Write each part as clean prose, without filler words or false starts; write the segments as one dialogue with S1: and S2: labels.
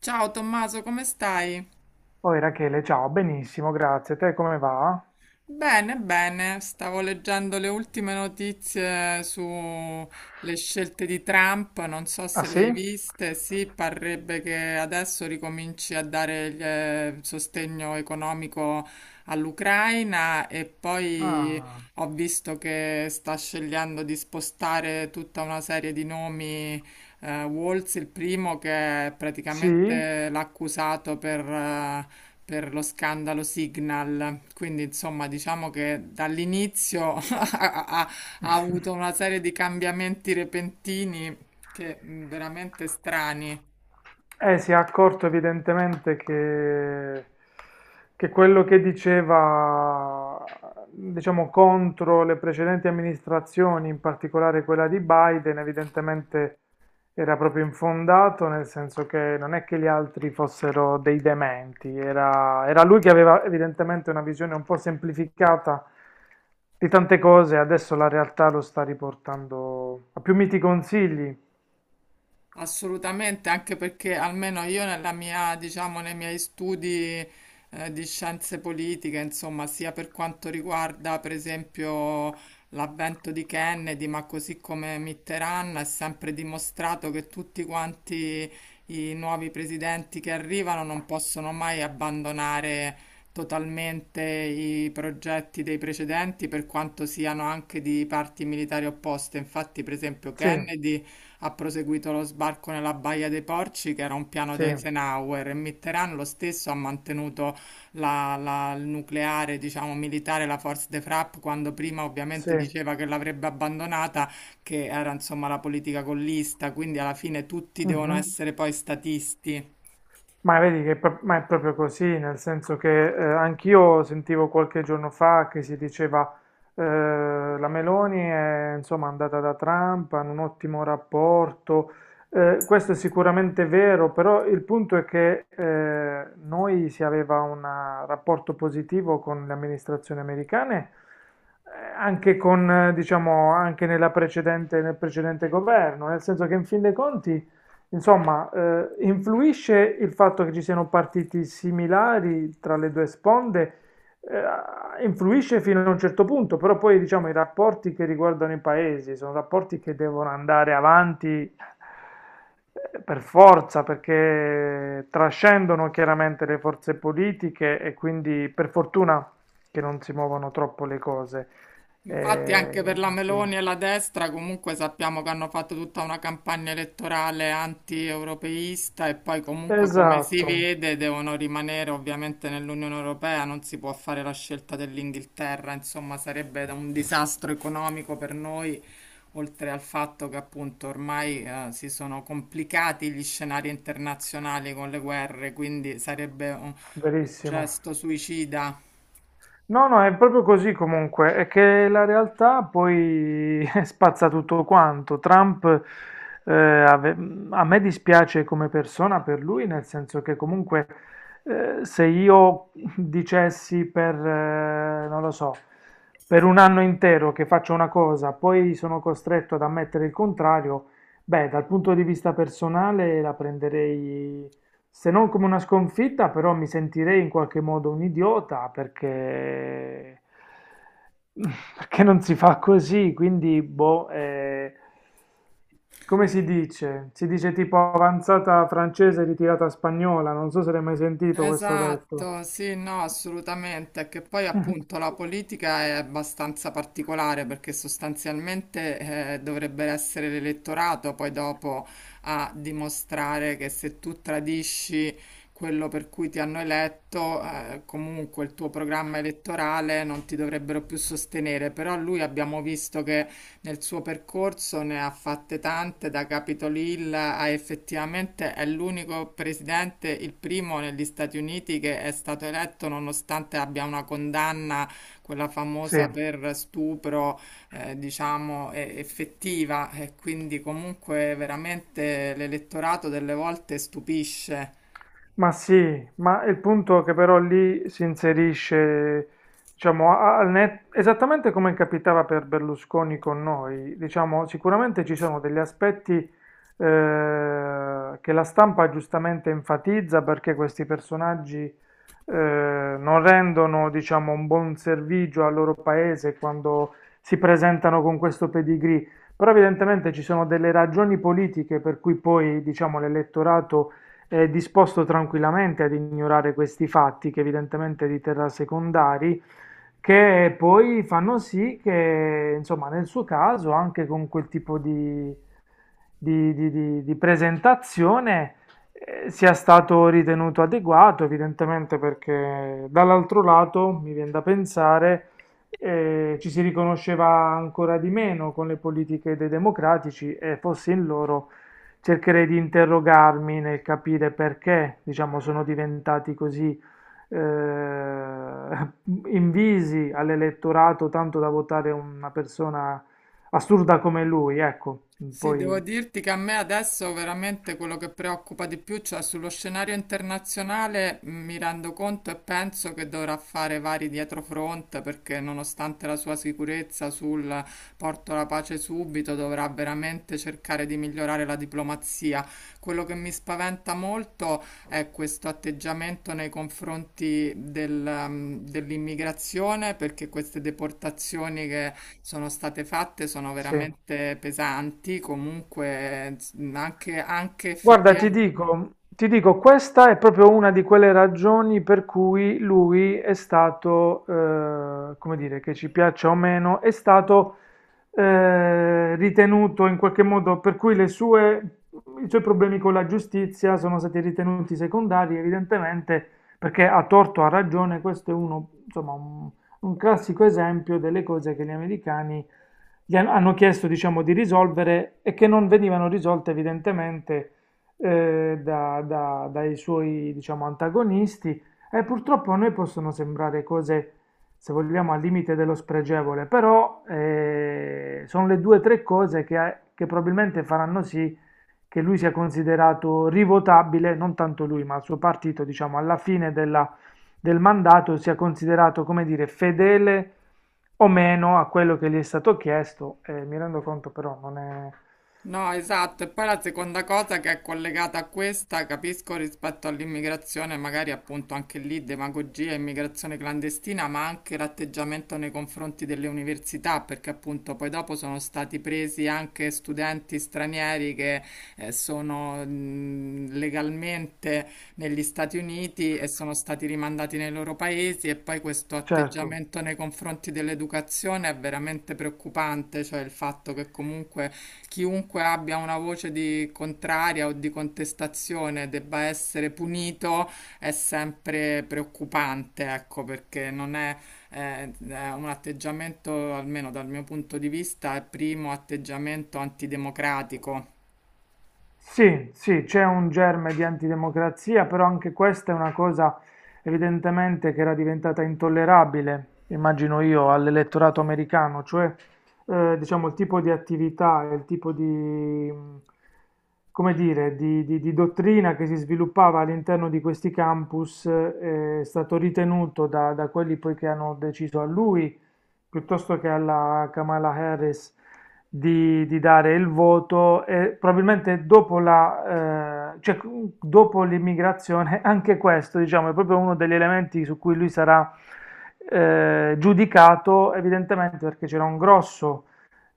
S1: Ciao Tommaso, come stai?
S2: Poi Rachele, ciao, benissimo, grazie. Te come va?
S1: Bene, stavo leggendo le ultime notizie sulle scelte di Trump, non so
S2: Ah
S1: se le hai
S2: sì?
S1: viste, sì, parrebbe che adesso ricominci a dare il sostegno economico all'Ucraina e poi
S2: Ah,
S1: ho visto che sta scegliendo di spostare tutta una serie di nomi Walz, il primo che
S2: sì?
S1: praticamente l'ha accusato per lo scandalo Signal. Quindi, insomma, diciamo che dall'inizio ha- ha avuto una serie di cambiamenti repentini che veramente strani.
S2: Si è accorto evidentemente che quello che diceva, diciamo, contro le precedenti amministrazioni, in particolare quella di Biden, evidentemente era proprio infondato, nel senso che non è che gli altri fossero dei dementi, era lui che aveva evidentemente una visione un po' semplificata di tante cose, adesso la realtà lo sta riportando a più miti consigli.
S1: Assolutamente, anche perché almeno io nella mia, diciamo, nei miei studi di scienze politiche, insomma, sia per quanto riguarda per esempio l'avvento di Kennedy, ma così come Mitterrand, è sempre dimostrato che tutti quanti i nuovi presidenti che arrivano non possono mai abbandonare totalmente i progetti dei precedenti, per quanto siano anche di parti militari opposte. Infatti, per esempio,
S2: Sì,
S1: Kennedy ha proseguito lo sbarco nella Baia dei Porci, che era un piano
S2: sì,
S1: di Eisenhower, e Mitterrand lo stesso ha mantenuto il nucleare, diciamo, militare, la Force de Frappe, quando prima ovviamente
S2: sì.
S1: diceva che l'avrebbe abbandonata, che era insomma la politica gollista, quindi alla fine tutti devono
S2: Mhm.
S1: essere poi statisti.
S2: Ma vedi che è pro- ma è proprio così, nel senso che anch'io sentivo qualche giorno fa che si diceva eh, la Meloni è insomma andata da Trump, hanno un ottimo rapporto. Questo è sicuramente vero, però il punto è che noi si aveva un rapporto positivo con le amministrazioni americane, anche con, diciamo, anche nella precedente, nel precedente governo, nel senso che in fin dei conti. Insomma, influisce il fatto che ci siano partiti similari tra le due sponde, influisce fino a un certo punto, però poi diciamo i rapporti che riguardano i paesi sono rapporti che devono andare avanti per forza, perché trascendono chiaramente le forze politiche e quindi per fortuna che non si muovono troppo le cose.
S1: Infatti anche per la
S2: Sì.
S1: Meloni e la destra comunque sappiamo che hanno fatto tutta una campagna elettorale anti-europeista e poi comunque come si
S2: Esatto,
S1: vede devono rimanere ovviamente nell'Unione Europea, non si può fare la scelta dell'Inghilterra, insomma sarebbe un disastro economico per noi, oltre al fatto che appunto ormai si sono complicati gli scenari internazionali con le guerre, quindi sarebbe un
S2: verissimo.
S1: gesto suicida.
S2: No, no, è proprio così comunque, è che la realtà poi spazza tutto quanto. Eh, ave- A me dispiace come persona per lui, nel senso che comunque se io dicessi per, non lo so, per un anno intero che faccio una cosa, poi sono costretto ad ammettere il contrario, beh, dal punto di vista personale la prenderei se non come una sconfitta, però mi sentirei in qualche modo un idiota perché, perché non si fa così, quindi boh, come si dice? Si dice tipo avanzata francese ritirata spagnola, non so se l'hai mai sentito questo detto.
S1: Esatto, sì, no, assolutamente, che poi appunto la politica è abbastanza particolare perché sostanzialmente dovrebbe essere l'elettorato poi dopo a dimostrare che se tu tradisci quello per cui ti hanno eletto, comunque il tuo programma elettorale non ti dovrebbero più sostenere, però lui abbiamo visto che nel suo percorso ne ha fatte tante, da Capitolilla a effettivamente è l'unico presidente, il primo negli Stati Uniti che è stato eletto nonostante abbia una condanna, quella
S2: Sì.
S1: famosa per stupro, diciamo, effettiva e quindi comunque veramente l'elettorato delle volte stupisce.
S2: Ma sì, ma il punto è che però lì si inserisce, diciamo, esattamente come capitava per Berlusconi con noi, diciamo, sicuramente ci sono degli aspetti che la stampa giustamente enfatizza perché questi personaggi non rendono, diciamo, un buon servizio al loro paese quando si presentano con questo pedigree, però evidentemente ci sono delle ragioni politiche per cui poi, diciamo, l'elettorato è disposto tranquillamente ad ignorare questi fatti, che evidentemente di terra secondari, che poi fanno sì che, insomma, nel suo caso, anche con quel tipo di di presentazione sia stato ritenuto adeguato, evidentemente perché dall'altro lato mi viene da pensare ci si riconosceva ancora di meno con le politiche dei democratici e fossi in loro cercherei di interrogarmi nel capire perché, diciamo, sono diventati così eh, invisi all'elettorato tanto da votare una persona assurda come lui, ecco,
S1: Sì, devo
S2: poi
S1: dirti che a me adesso veramente quello che preoccupa di più, cioè sullo scenario internazionale, mi rendo conto e penso che dovrà fare vari dietrofront perché nonostante la sua sicurezza sul porto la pace subito, dovrà veramente cercare di migliorare la diplomazia. Quello che mi spaventa molto è questo atteggiamento nei confronti dell'immigrazione, perché queste deportazioni che sono state fatte sono
S2: sì.
S1: veramente pesanti, comunque anche, anche
S2: Guarda,
S1: effettivamente.
S2: ti dico, questa è proprio una di quelle ragioni per cui lui è stato, come dire, che ci piaccia o meno, è stato ritenuto in qualche modo, per cui le sue, i suoi problemi con la giustizia sono stati ritenuti secondari, evidentemente, perché a torto o a ragione, questo è uno, insomma, un classico esempio delle cose che gli americani hanno chiesto, diciamo, di risolvere e che non venivano risolte evidentemente dai suoi, diciamo, antagonisti e purtroppo a noi possono sembrare cose, se vogliamo, al limite dello spregevole, però sono le due o tre cose che probabilmente faranno sì che lui sia considerato rivotabile, non tanto lui, ma il suo partito, diciamo, del mandato sia considerato, come dire, fedele o meno a quello che gli è stato chiesto. Mi rendo conto però non è
S1: No, esatto, e poi la seconda cosa che è collegata a questa, capisco rispetto all'immigrazione, magari appunto anche lì demagogia, immigrazione clandestina, ma anche l'atteggiamento nei confronti delle università, perché appunto poi dopo sono stati presi anche studenti stranieri che sono legalmente negli Stati Uniti e sono stati rimandati nei loro paesi e poi questo
S2: certo.
S1: atteggiamento nei confronti dell'educazione è veramente preoccupante, cioè il fatto che comunque chiunque abbia una voce di contraria o di contestazione debba essere punito è sempre preoccupante, ecco, perché non è, è un atteggiamento, almeno dal mio punto di vista, è primo atteggiamento antidemocratico.
S2: Sì, sì, c'è un germe di antidemocrazia, però anche questa è una cosa evidentemente che era diventata intollerabile, immagino io, all'elettorato americano, cioè diciamo il tipo di attività, e il tipo di, come dire, di, di dottrina che si sviluppava all'interno di questi campus è stato ritenuto da, da quelli poi che hanno deciso a lui piuttosto che alla Kamala Harris di dare il voto e probabilmente dopo la, cioè, dopo l'immigrazione, anche questo, diciamo, è proprio uno degli elementi su cui lui sarà giudicato, evidentemente perché c'era un grosso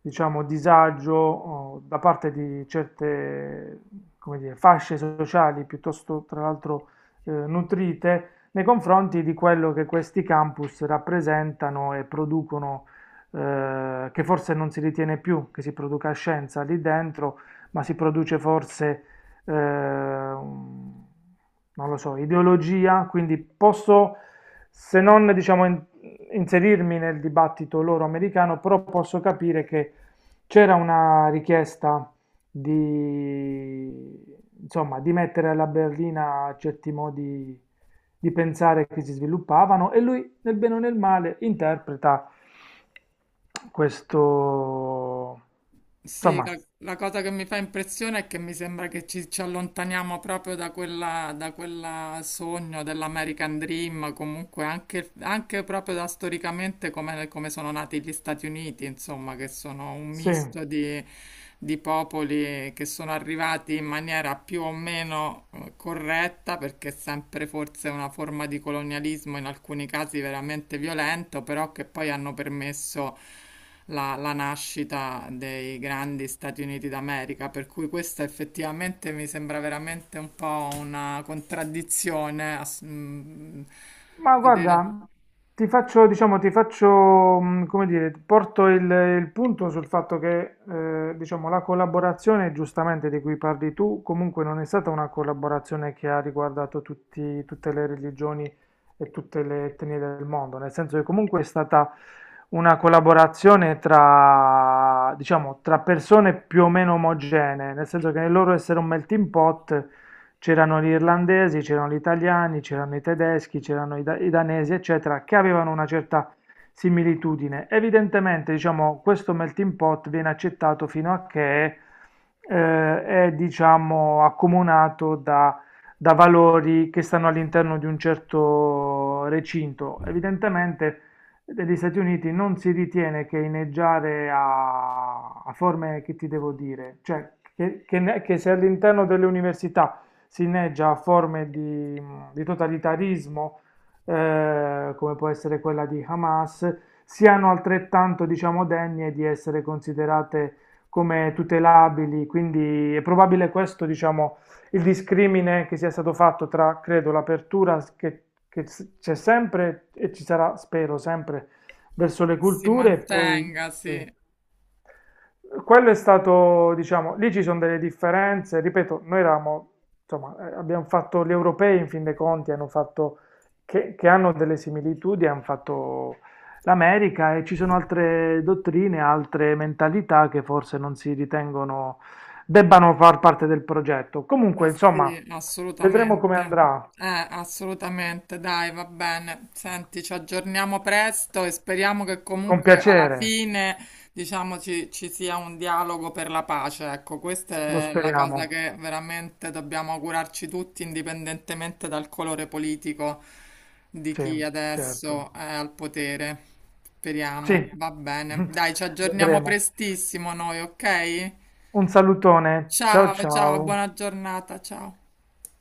S2: diciamo, disagio oh, da parte di certe, come dire, fasce sociali piuttosto, tra l'altro, nutrite nei confronti di quello che questi campus rappresentano e producono, che forse non si ritiene più che si produca scienza lì dentro, ma si produce forse, non lo so, ideologia, quindi posso se non diciamo inserirmi nel dibattito loro americano, però posso capire che c'era una richiesta di, insomma, di mettere alla berlina certi modi di pensare che si sviluppavano e lui, nel bene o nel male, interpreta questo,
S1: Sì,
S2: insomma,
S1: la cosa che mi fa impressione è che mi sembra che ci allontaniamo proprio da quella sogno dell'American Dream, comunque anche, anche proprio da storicamente come, come sono nati gli Stati Uniti, insomma, che sono un
S2: sì.
S1: misto di popoli che sono arrivati in maniera più o meno corretta, perché è sempre forse una forma di colonialismo, in alcuni casi veramente violento, però che poi hanno permesso la nascita dei grandi Stati Uniti d'America, per cui questa effettivamente mi sembra veramente un po' una contraddizione,
S2: Ma
S1: vedere
S2: guarda, ti faccio, diciamo, ti faccio, come dire, ti porto il punto sul fatto che, diciamo, la collaborazione, giustamente, di cui parli tu, comunque non è stata una collaborazione che ha riguardato tutte le religioni e tutte le etnie del mondo, nel senso che comunque è stata una collaborazione tra, diciamo, tra persone più o meno omogenee, nel senso che nel loro essere un melting pot c'erano gli irlandesi, c'erano gli italiani, c'erano i tedeschi, c'erano i danesi, eccetera, che avevano una certa similitudine. Evidentemente, diciamo, questo melting pot viene accettato fino a che è, diciamo, accomunato da, da valori che stanno all'interno di un certo recinto. Evidentemente, negli Stati Uniti non si ritiene che inneggiare a, a forme che ti devo dire, cioè che, che se all'interno delle università si inneggia a forme di totalitarismo, come può essere quella di Hamas, siano altrettanto, diciamo, degne di essere considerate come tutelabili. Quindi è probabile questo, diciamo, il discrimine che sia stato fatto tra, credo, l'apertura che, c'è sempre e ci sarà, spero, sempre verso le
S1: che si
S2: culture e poi...
S1: mantenga, sì.
S2: Sì. Quello è stato, diciamo, lì ci sono delle differenze, ripeto, noi eravamo, insomma, abbiamo fatto gli europei in fin dei conti, hanno fatto, che hanno delle similitudini, hanno fatto l'America e ci sono altre dottrine, altre mentalità che forse non si ritengono debbano far parte del progetto.
S1: Eh
S2: Comunque, insomma,
S1: sì,
S2: vedremo come
S1: assolutamente.
S2: andrà,
S1: Eh, assolutamente. Dai, va bene. Senti, ci aggiorniamo presto e speriamo che
S2: con
S1: comunque alla
S2: piacere,
S1: fine, diciamo, ci sia un dialogo per la pace. Ecco,
S2: lo
S1: questa è la cosa
S2: speriamo,
S1: che veramente dobbiamo augurarci tutti, indipendentemente dal colore politico di
S2: sì,
S1: chi
S2: certo,
S1: adesso è al potere. Speriamo.
S2: sì,
S1: Va bene. Dai, ci aggiorniamo
S2: vedremo.
S1: prestissimo noi, ok?
S2: Un salutone, ciao
S1: Ciao, ciao,
S2: ciao.
S1: buona giornata, ciao.